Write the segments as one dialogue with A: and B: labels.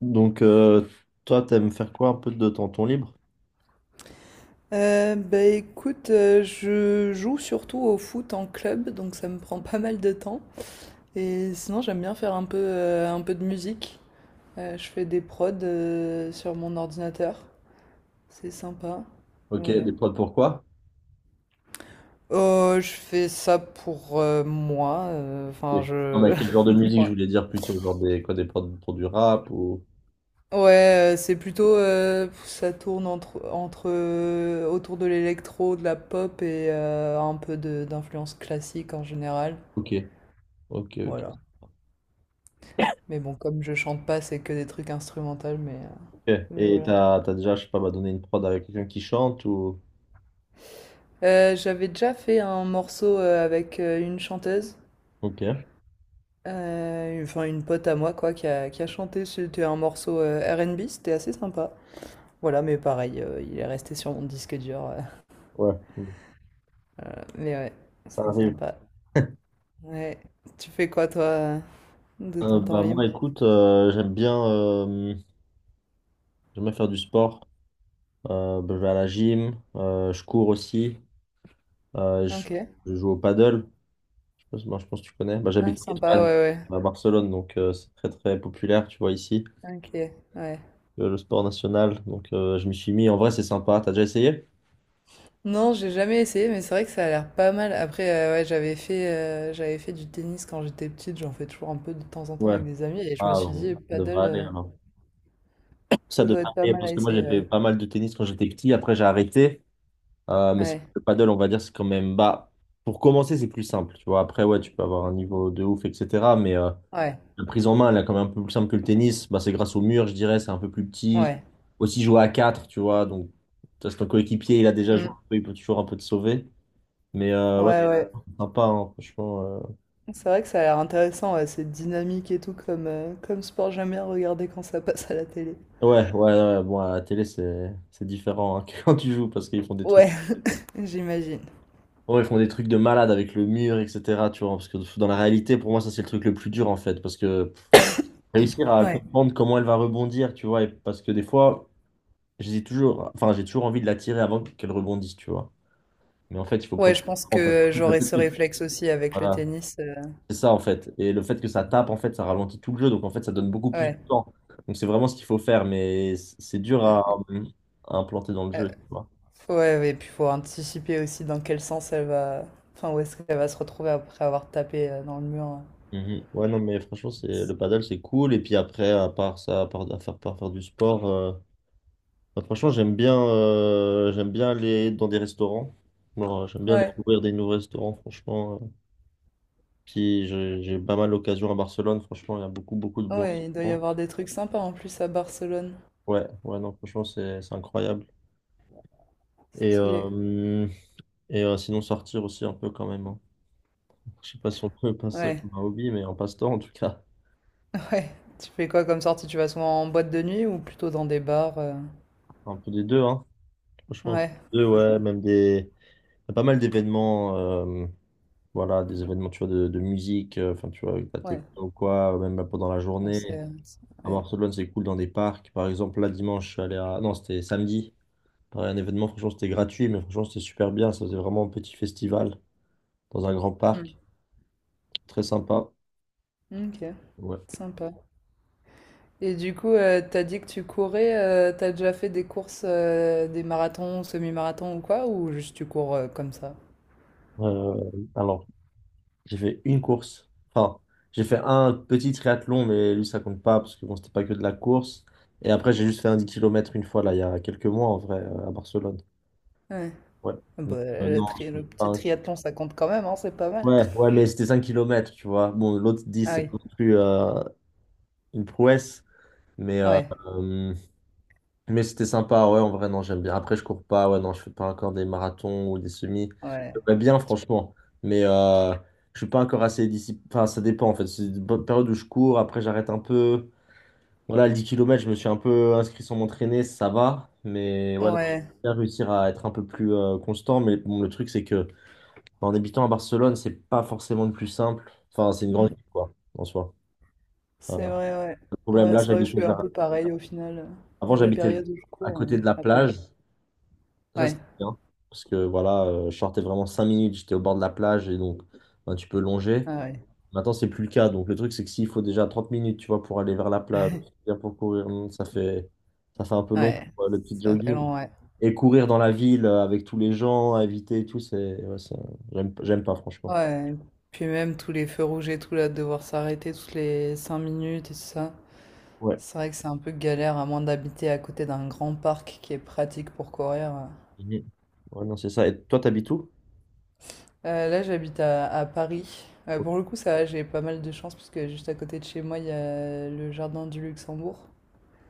A: Donc, toi, t'aimes faire quoi un peu de temps ton temps libre?
B: Bah écoute, je joue surtout au foot en club, donc ça me prend pas mal de temps. Et sinon, j'aime bien faire un peu de musique. Je fais des prods sur mon ordinateur. C'est sympa.
A: Ok,
B: Voilà.
A: des prods pour quoi?
B: Oh, je fais ça pour moi.
A: Ok.
B: Enfin,
A: Non,
B: je.
A: mais quel genre de musique je voulais dire plutôt, genre des quoi, des prods pour du rap ou...
B: Ouais, c'est plutôt. Ça tourne autour de l'électro, de la pop et un peu d'influence classique en général.
A: Ok, ok, ok.
B: Voilà. Mais bon, comme je chante pas, c'est que des trucs instrumentaux, mais, euh,
A: Ok.
B: mais
A: Et
B: voilà.
A: t'as déjà, je sais pas, bah, donné une prod avec quelqu'un qui chante ou...
B: J'avais déjà fait un morceau avec une chanteuse,
A: Ok,
B: enfin une pote à moi, quoi, qui a chanté. C'était un morceau R&B, c'était assez sympa. Voilà, mais pareil, il est resté sur mon disque dur.
A: ouais,
B: Mais ouais,
A: ça
B: c'est
A: arrive.
B: sympa. Ouais. Tu fais quoi, toi, de ton temps
A: Bah
B: libre?
A: moi, écoute, j'aime bien faire du sport. Bah, je vais à la gym, je cours aussi, euh, je,
B: Ok.
A: je joue au paddle. Je pense que tu connais. Bah,
B: Ah,
A: j'habite en
B: sympa,
A: Espagne,
B: ouais,
A: à Barcelone, donc c'est très très populaire, tu vois, ici,
B: ouais. Ok, ouais.
A: le sport national. Donc je m'y suis mis. En vrai, c'est sympa. T'as déjà essayé?
B: Non, j'ai jamais essayé, mais c'est vrai que ça a l'air pas mal. Après, ouais, j'avais fait du tennis quand j'étais petite, j'en fais toujours un peu de temps en temps
A: Ouais.
B: avec des amis, et je me
A: Ah,
B: suis dit,
A: bon, ça
B: paddle,
A: devrait aller alors. Ça
B: ça doit
A: devrait
B: être pas
A: aller
B: mal
A: parce
B: à
A: que moi, j'ai
B: essayer,
A: fait
B: ouais.
A: pas mal de tennis quand j'étais petit. Après, j'ai arrêté. Mais
B: Ouais,
A: le paddle, on va dire, c'est quand même. Bah, pour commencer, c'est plus simple, tu vois. Après, ouais, tu peux avoir un niveau de ouf, etc.
B: ouais,
A: La prise en main, elle est quand même un peu plus simple que le tennis. Bah, c'est grâce au mur, je dirais, c'est un peu plus petit.
B: ouais.
A: Aussi jouer à 4, tu vois. Donc, ça, c'est ton coéquipier, il a déjà joué,
B: Mm.
A: un peu, il peut toujours un peu te sauver. Ouais,
B: Ouais, ouais.
A: c'est sympa, hein, franchement.
B: C'est vrai que ça a l'air intéressant, ouais, c'est dynamique et tout comme sport, j'aime bien regarder quand ça passe à la télé.
A: Ouais, ouais, ouais, bon, à la télé, c'est différent, hein, que quand tu joues parce qu'ils font des trucs.
B: Ouais, j'imagine.
A: Ouais, ils font des trucs de malade avec le mur, etc. Tu vois, parce que dans la réalité, pour moi, ça, c'est le truc le plus dur, en fait. Parce que réussir à
B: Ouais.
A: comprendre comment elle va rebondir, tu vois, et parce que des fois, j'ai toujours, enfin, j'ai toujours envie de la tirer avant qu'elle rebondisse, tu vois. Mais en fait, il faut
B: Ouais,
A: prendre
B: je pense
A: en parce
B: que
A: que le
B: j'aurais
A: fait
B: ce réflexe aussi avec le
A: Voilà,
B: tennis.
A: c'est ça en fait. Et le fait que ça tape, en fait, ça ralentit tout le jeu. Donc en fait, ça donne beaucoup plus de
B: Ouais.
A: temps. Donc c'est vraiment ce qu'il faut faire. Mais c'est dur à implanter dans le
B: Euh,
A: jeu, tu vois.
B: Ouais, ouais, et puis faut anticiper aussi dans quel sens elle va. Enfin, où est-ce qu'elle va se retrouver après avoir tapé dans le mur.
A: Mhm. Ouais, non, mais franchement, c'est le paddle, c'est cool. Et puis après, à part ça, à part à faire, par faire du sport, bah, franchement, j'aime bien aller dans des restaurants. Genre, j'aime bien
B: Ouais,
A: découvrir des nouveaux restaurants, franchement. Puis j'ai pas mal d'occasions à Barcelone, franchement, il y a beaucoup, beaucoup de
B: Ouais.
A: bons
B: Ouais, il doit y
A: restaurants.
B: avoir des trucs sympas en plus à Barcelone.
A: Ouais, ouais, non, franchement, c'est incroyable. Et,
B: Stylé.
A: euh, et sinon, sortir aussi un peu quand même, hein. Je sais pas si on peut passer ça
B: Ouais,
A: comme un hobby, mais un passe-temps en tout cas.
B: ouais. Tu fais quoi comme sortie? Tu vas souvent en boîte de nuit ou plutôt dans des bars?
A: Un peu des deux, hein. Franchement, un peu
B: Ouais,
A: des deux, ouais. Même des. Il y a pas mal d'événements, voilà, des événements, tu vois, de musique, enfin, tu vois, avec la
B: ouais.
A: techno ou quoi, même bah, pendant la
B: On
A: journée.
B: sait.
A: À
B: Ouais.
A: Barcelone, c'est cool dans des parcs. Par exemple, là, dimanche, je suis allé à. Non, c'était samedi. Pareil, un événement, franchement, c'était gratuit, mais franchement, c'était super bien. Ça faisait vraiment un petit festival dans un grand
B: Hmm.
A: parc. Très sympa.
B: Ok,
A: Ouais.
B: sympa. Et du coup, t'as dit que tu courais, t'as déjà fait des courses, des marathons, semi-marathons ou quoi? Ou juste tu cours comme ça?
A: Euh, alors, j'ai fait une course. Enfin, j'ai fait un petit triathlon, mais lui, ça compte pas parce que bon, c'était pas que de la course. Et après, j'ai juste fait un 10 kilomètres une fois, là, il y a quelques mois, en vrai, à Barcelone. Ouais.
B: Ah Bah,
A: Donc,
B: le,
A: non, je
B: tri- le
A: compte
B: petit
A: pas.
B: triathlon, ça compte quand même, hein, c'est pas mal.
A: Ouais, ouais, mais c'était 5 km, tu vois. Bon, l'autre dix
B: Ah
A: c'est
B: oui,
A: pas non plus une prouesse, mais euh,
B: ouais,
A: Mais c'était sympa, ouais, en vrai, non, j'aime bien. Après, je cours pas, ouais, non, je fais pas encore des marathons ou des semis.
B: ouais,
A: J'aimerais bien, franchement. Mais je suis pas encore assez discipliné. Enfin, ça dépend, en fait. C'est une bonne période où je cours, après, j'arrête un peu. Voilà, le 10 kilomètres je me suis un peu inscrit sans m'entraîner, ça va. Mais ouais, non, je
B: ouais.
A: vais bien réussir à être un peu plus constant. Mais bon, le truc, c'est que en habitant à Barcelone, c'est pas forcément le plus simple. Enfin, c'est une grande
B: hmm,
A: ville, quoi, en soi. Euh,
B: C'est vrai,
A: le
B: ouais.
A: problème,
B: Ouais,
A: là,
B: c'est vrai que je suis un peu pareil au final. Il y
A: avant,
B: a des
A: j'habitais
B: périodes où je
A: à
B: cours,
A: côté
B: mais
A: de la
B: après
A: plage.
B: j'arrête.
A: Ça, c'est
B: Ouais,
A: bien. Parce que voilà, je sortais vraiment 5 minutes, j'étais au bord de la plage et donc ben, tu peux longer.
B: ah ouais,
A: Maintenant, c'est plus le cas. Donc le truc, c'est que s'il faut déjà 30 minutes, tu vois, pour aller vers la plage, bien pour courir, ça fait un peu long,
B: ouais,
A: quoi, le petit
B: ça fait
A: jogging.
B: long, ouais.
A: Et courir dans la ville avec tous les gens à éviter et tout, c'est, ouais, j'aime, j'aime pas, franchement.
B: Ouais, puis même tous les feux rouges et tout, là, de devoir s'arrêter toutes les 5 minutes et tout ça.
A: Ouais.
B: C'est vrai que c'est un peu galère, à moins d'habiter à côté d'un grand parc qui est pratique pour courir.
A: Mhm. Ouais, non, c'est ça. Et toi, t'habites où?
B: Là, j'habite à Paris.
A: Ok.
B: Pour le coup, ça va, j'ai pas mal de chance parce que juste à côté de chez moi, il y a le jardin du Luxembourg.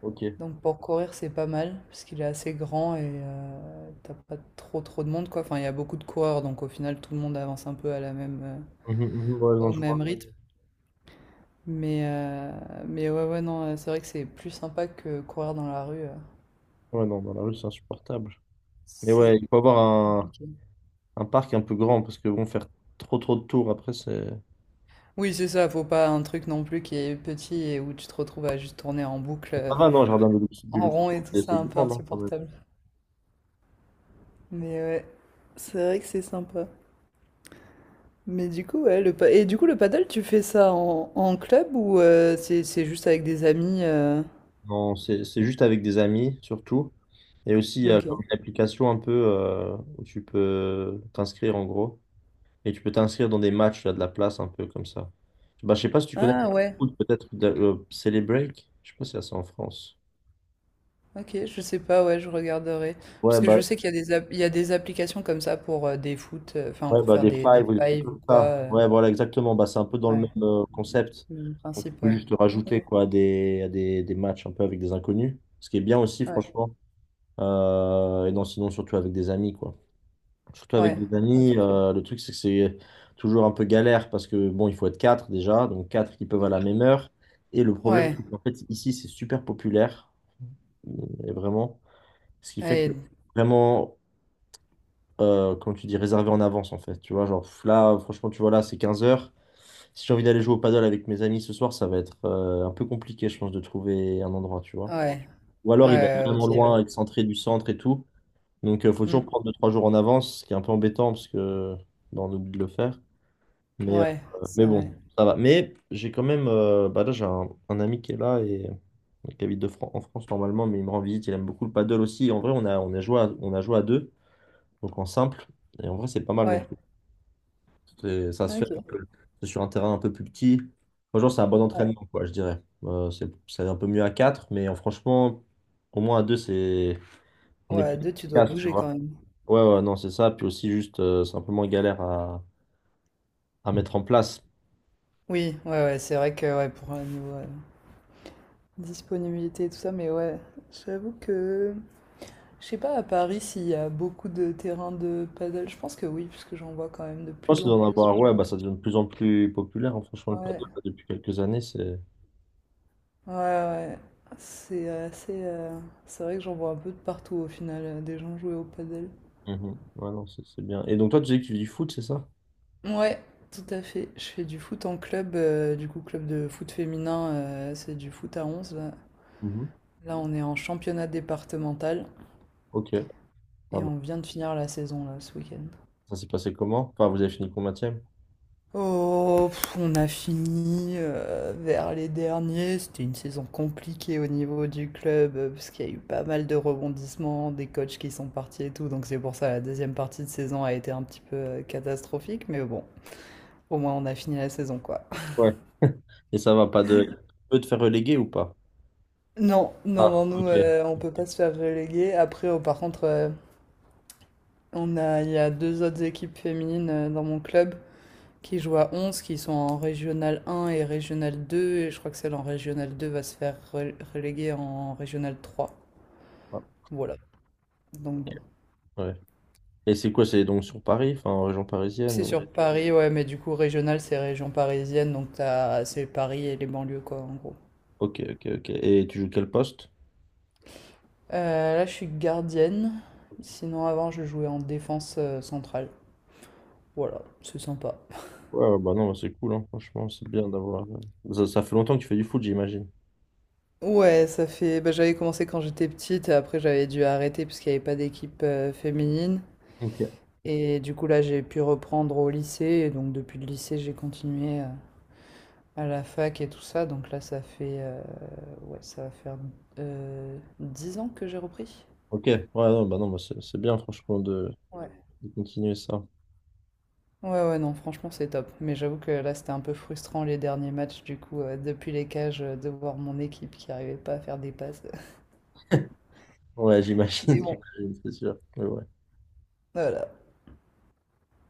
A: Ok.
B: Donc pour courir, c'est pas mal parce qu'il est assez grand et t'as pas trop trop de monde quoi. Enfin, il y a beaucoup de coureurs, donc au final, tout le monde avance un peu
A: Mhm, mhm, ouais, non,
B: au
A: je vois.
B: même rythme. Mais euh, mais ouais ouais non, c'est vrai que c'est plus sympa que courir dans la rue.
A: Ouais, non, dans la rue, c'est insupportable. Mais
B: C'est
A: ouais, il faut avoir
B: compliqué.
A: un parc un peu grand, parce que bon, faire trop trop de tours après, c'est.
B: Oui, c'est ça. Faut pas un truc non plus qui est petit et où tu te retrouves à juste tourner en boucle.
A: Et ça
B: euh,
A: va, non, le jardin du
B: En rond et
A: Luxembourg,
B: tout
A: c'est
B: ça,
A: c'est
B: un peu
A: grand, non, quand même.
B: insupportable. Mais ouais, c'est vrai que c'est sympa. Mais du coup, ouais, et du coup, le paddle, tu fais ça en club ou c'est juste avec des amis
A: Non, c'est juste avec des amis, surtout. Et aussi, il y a
B: Ok.
A: comme une application un peu où tu peux t'inscrire en gros. Et tu peux t'inscrire dans des matchs, il y a de la place un peu comme ça. Bah, je sais pas si tu connais le
B: Ah ouais,
A: foot, peut-être Célébreak. Je sais pas si ça, c'est en France.
B: ok, je sais pas, ouais, je regarderai.
A: Ouais,
B: Parce que je
A: bah,
B: sais qu'il y a il y a des applications comme ça pour des foot, enfin
A: Ouais,
B: pour
A: bah,
B: faire
A: des
B: des
A: fives ou des trucs
B: fives ou
A: comme
B: quoi.
A: ça. Ouais, voilà, exactement. Bah, c'est un peu dans le même
B: Ouais,
A: concept.
B: le même
A: Donc, tu
B: principe,
A: peux
B: ouais.
A: juste rajouter
B: Ok,
A: quoi, à des matchs un peu avec des inconnus. Ce qui est bien aussi,
B: ouais,
A: franchement. Et non, sinon, surtout avec des amis, quoi. Surtout avec
B: ouais,
A: des amis,
B: ok.
A: le truc, c'est que c'est toujours un peu galère parce que, bon, il faut être quatre déjà. Donc, quatre qui peuvent à la même heure. Et le problème,
B: Ouais,
A: c'est qu'en fait, ici, c'est super populaire. euh, Et vraiment. Ce qui fait que
B: ouais,
A: vraiment comment tu dis, réservé en avance en fait. Tu vois, genre pff, là, franchement, tu vois, là, c'est 15 heures. Si j'ai envie d'aller jouer au paddle avec mes amis ce soir, ça va être un peu compliqué, je pense, de trouver un endroit, tu vois.
B: ouais,
A: Ou alors, il va être
B: ouais, ok,
A: vraiment
B: ouais.
A: loin, excentré du centre et tout. Donc, il faut toujours
B: Hmm,
A: prendre 2, 3 jours en avance, ce qui est un peu embêtant parce que bah, on oublie de le faire. Mais, euh,
B: Ouais,
A: mais
B: c'est vrai.
A: bon, ça va. Mais j'ai quand même, bah là, j'ai un ami qui est là et qui habite en France normalement, mais il me rend visite. Il aime beaucoup le paddle aussi. En vrai, on a joué à deux donc en simple. Et en vrai, c'est pas mal non
B: Ouais,
A: plus. Ça se fait,
B: OK,
A: c'est sur un terrain un peu plus petit. Franchement, c'est un bon
B: ouais.
A: entraînement, quoi, je dirais. C'est un peu mieux à 4 mais franchement, au moins à 2 c'est... on est
B: Ouais,
A: plus
B: 2 tu dois
A: efficace, tu
B: bouger quand
A: vois.
B: même.
A: Ouais, ouais, non, c'est ça. Puis aussi, juste, c'est un peu moins galère à mettre en place.
B: Oui, ouais, ouais, c'est vrai que ouais, pour un niveau disponibilité et tout ça, mais ouais, j'avoue que je sais pas à Paris s'il y a beaucoup de terrains de paddle. Je pense que oui, puisque j'en vois quand même de
A: Je pense
B: plus
A: que
B: en
A: d'en
B: plus, j'ai
A: avoir, ouais, bah,
B: l'impression.
A: ça devient de plus en plus populaire, hein, franchement, le paddle,
B: Ouais,
A: là, depuis quelques années, c'est...
B: ouais, ouais. C'est assez. C'est vrai que j'en vois un peu de partout au final, des gens jouer au paddle.
A: Mhm. Ouais, non, c'est bien. Et donc, toi, tu disais que tu dis foot, c'est ça?
B: Ouais, tout à fait. Je fais du foot en club, du coup, club de foot féminin, c'est du foot à 11.
A: Mhm.
B: Là, on est en championnat départemental
A: Ok, pas
B: et
A: mal.
B: on vient de finir la saison là ce week-end.
A: Ça s'est passé comment? Enfin, vous avez fini combien?
B: Oh, on a fini vers les derniers. C'était une saison compliquée au niveau du club parce qu'il y a eu pas mal de rebondissements, des coachs qui sont partis et tout. Donc c'est pour ça la deuxième partie de saison a été un petit peu catastrophique, mais bon, au moins on a fini la saison quoi.
A: Et ça va pas de... peut te faire reléguer ou pas?
B: Non, non, non,
A: Ah,
B: nous
A: ok.
B: on peut pas se faire reléguer. Après, oh, par contre, on a il y a deux autres équipes féminines dans mon club qui jouent à 11, qui sont en Régional 1 et Régional 2. Et je crois que celle en Régional 2 va se faire reléguer en Régional 3.
A: Ah,
B: Voilà. Donc
A: ok,
B: bon.
A: ouais. Et c'est quoi? C'est donc sur Paris, enfin en région parisienne
B: C'est
A: ou...
B: sur Paris, ouais, mais du coup, Régional, c'est région parisienne. Donc t'as, c'est Paris et les banlieues, quoi, en gros.
A: Ok, ok, ok. Et tu joues quel poste?
B: Là, je suis gardienne. Sinon, avant, je jouais en défense centrale. Voilà, c'est sympa.
A: Ouais, ouais, bah non, bah c'est cool, hein, franchement, c'est bien d'avoir... Ça, ça fait longtemps que tu fais du foot, j'imagine.
B: Ouais, ça fait. Bah, j'avais commencé quand j'étais petite, et après j'avais dû arrêter parce qu'il n'y avait pas d'équipe féminine.
A: Ok.
B: Et du coup, là, j'ai pu reprendre au lycée. Et donc, depuis le lycée, j'ai continué à la fac et tout ça. Donc là, ça fait... ouais, ça va faire 10 ans que j'ai repris.
A: Ok, ouais, non, bah non, bah c'est bien, franchement, de,
B: Ouais.
A: de continuer ça.
B: Ouais, ouais, non, franchement, c'est top. Mais j'avoue que là, c'était un peu frustrant les derniers matchs. Du coup, depuis les cages, de voir mon équipe qui arrivait pas à faire des passes.
A: Ouais,
B: Mais
A: j'imagine,
B: bon,
A: j'imagine, c'est sûr. Ouais, ouais.
B: voilà.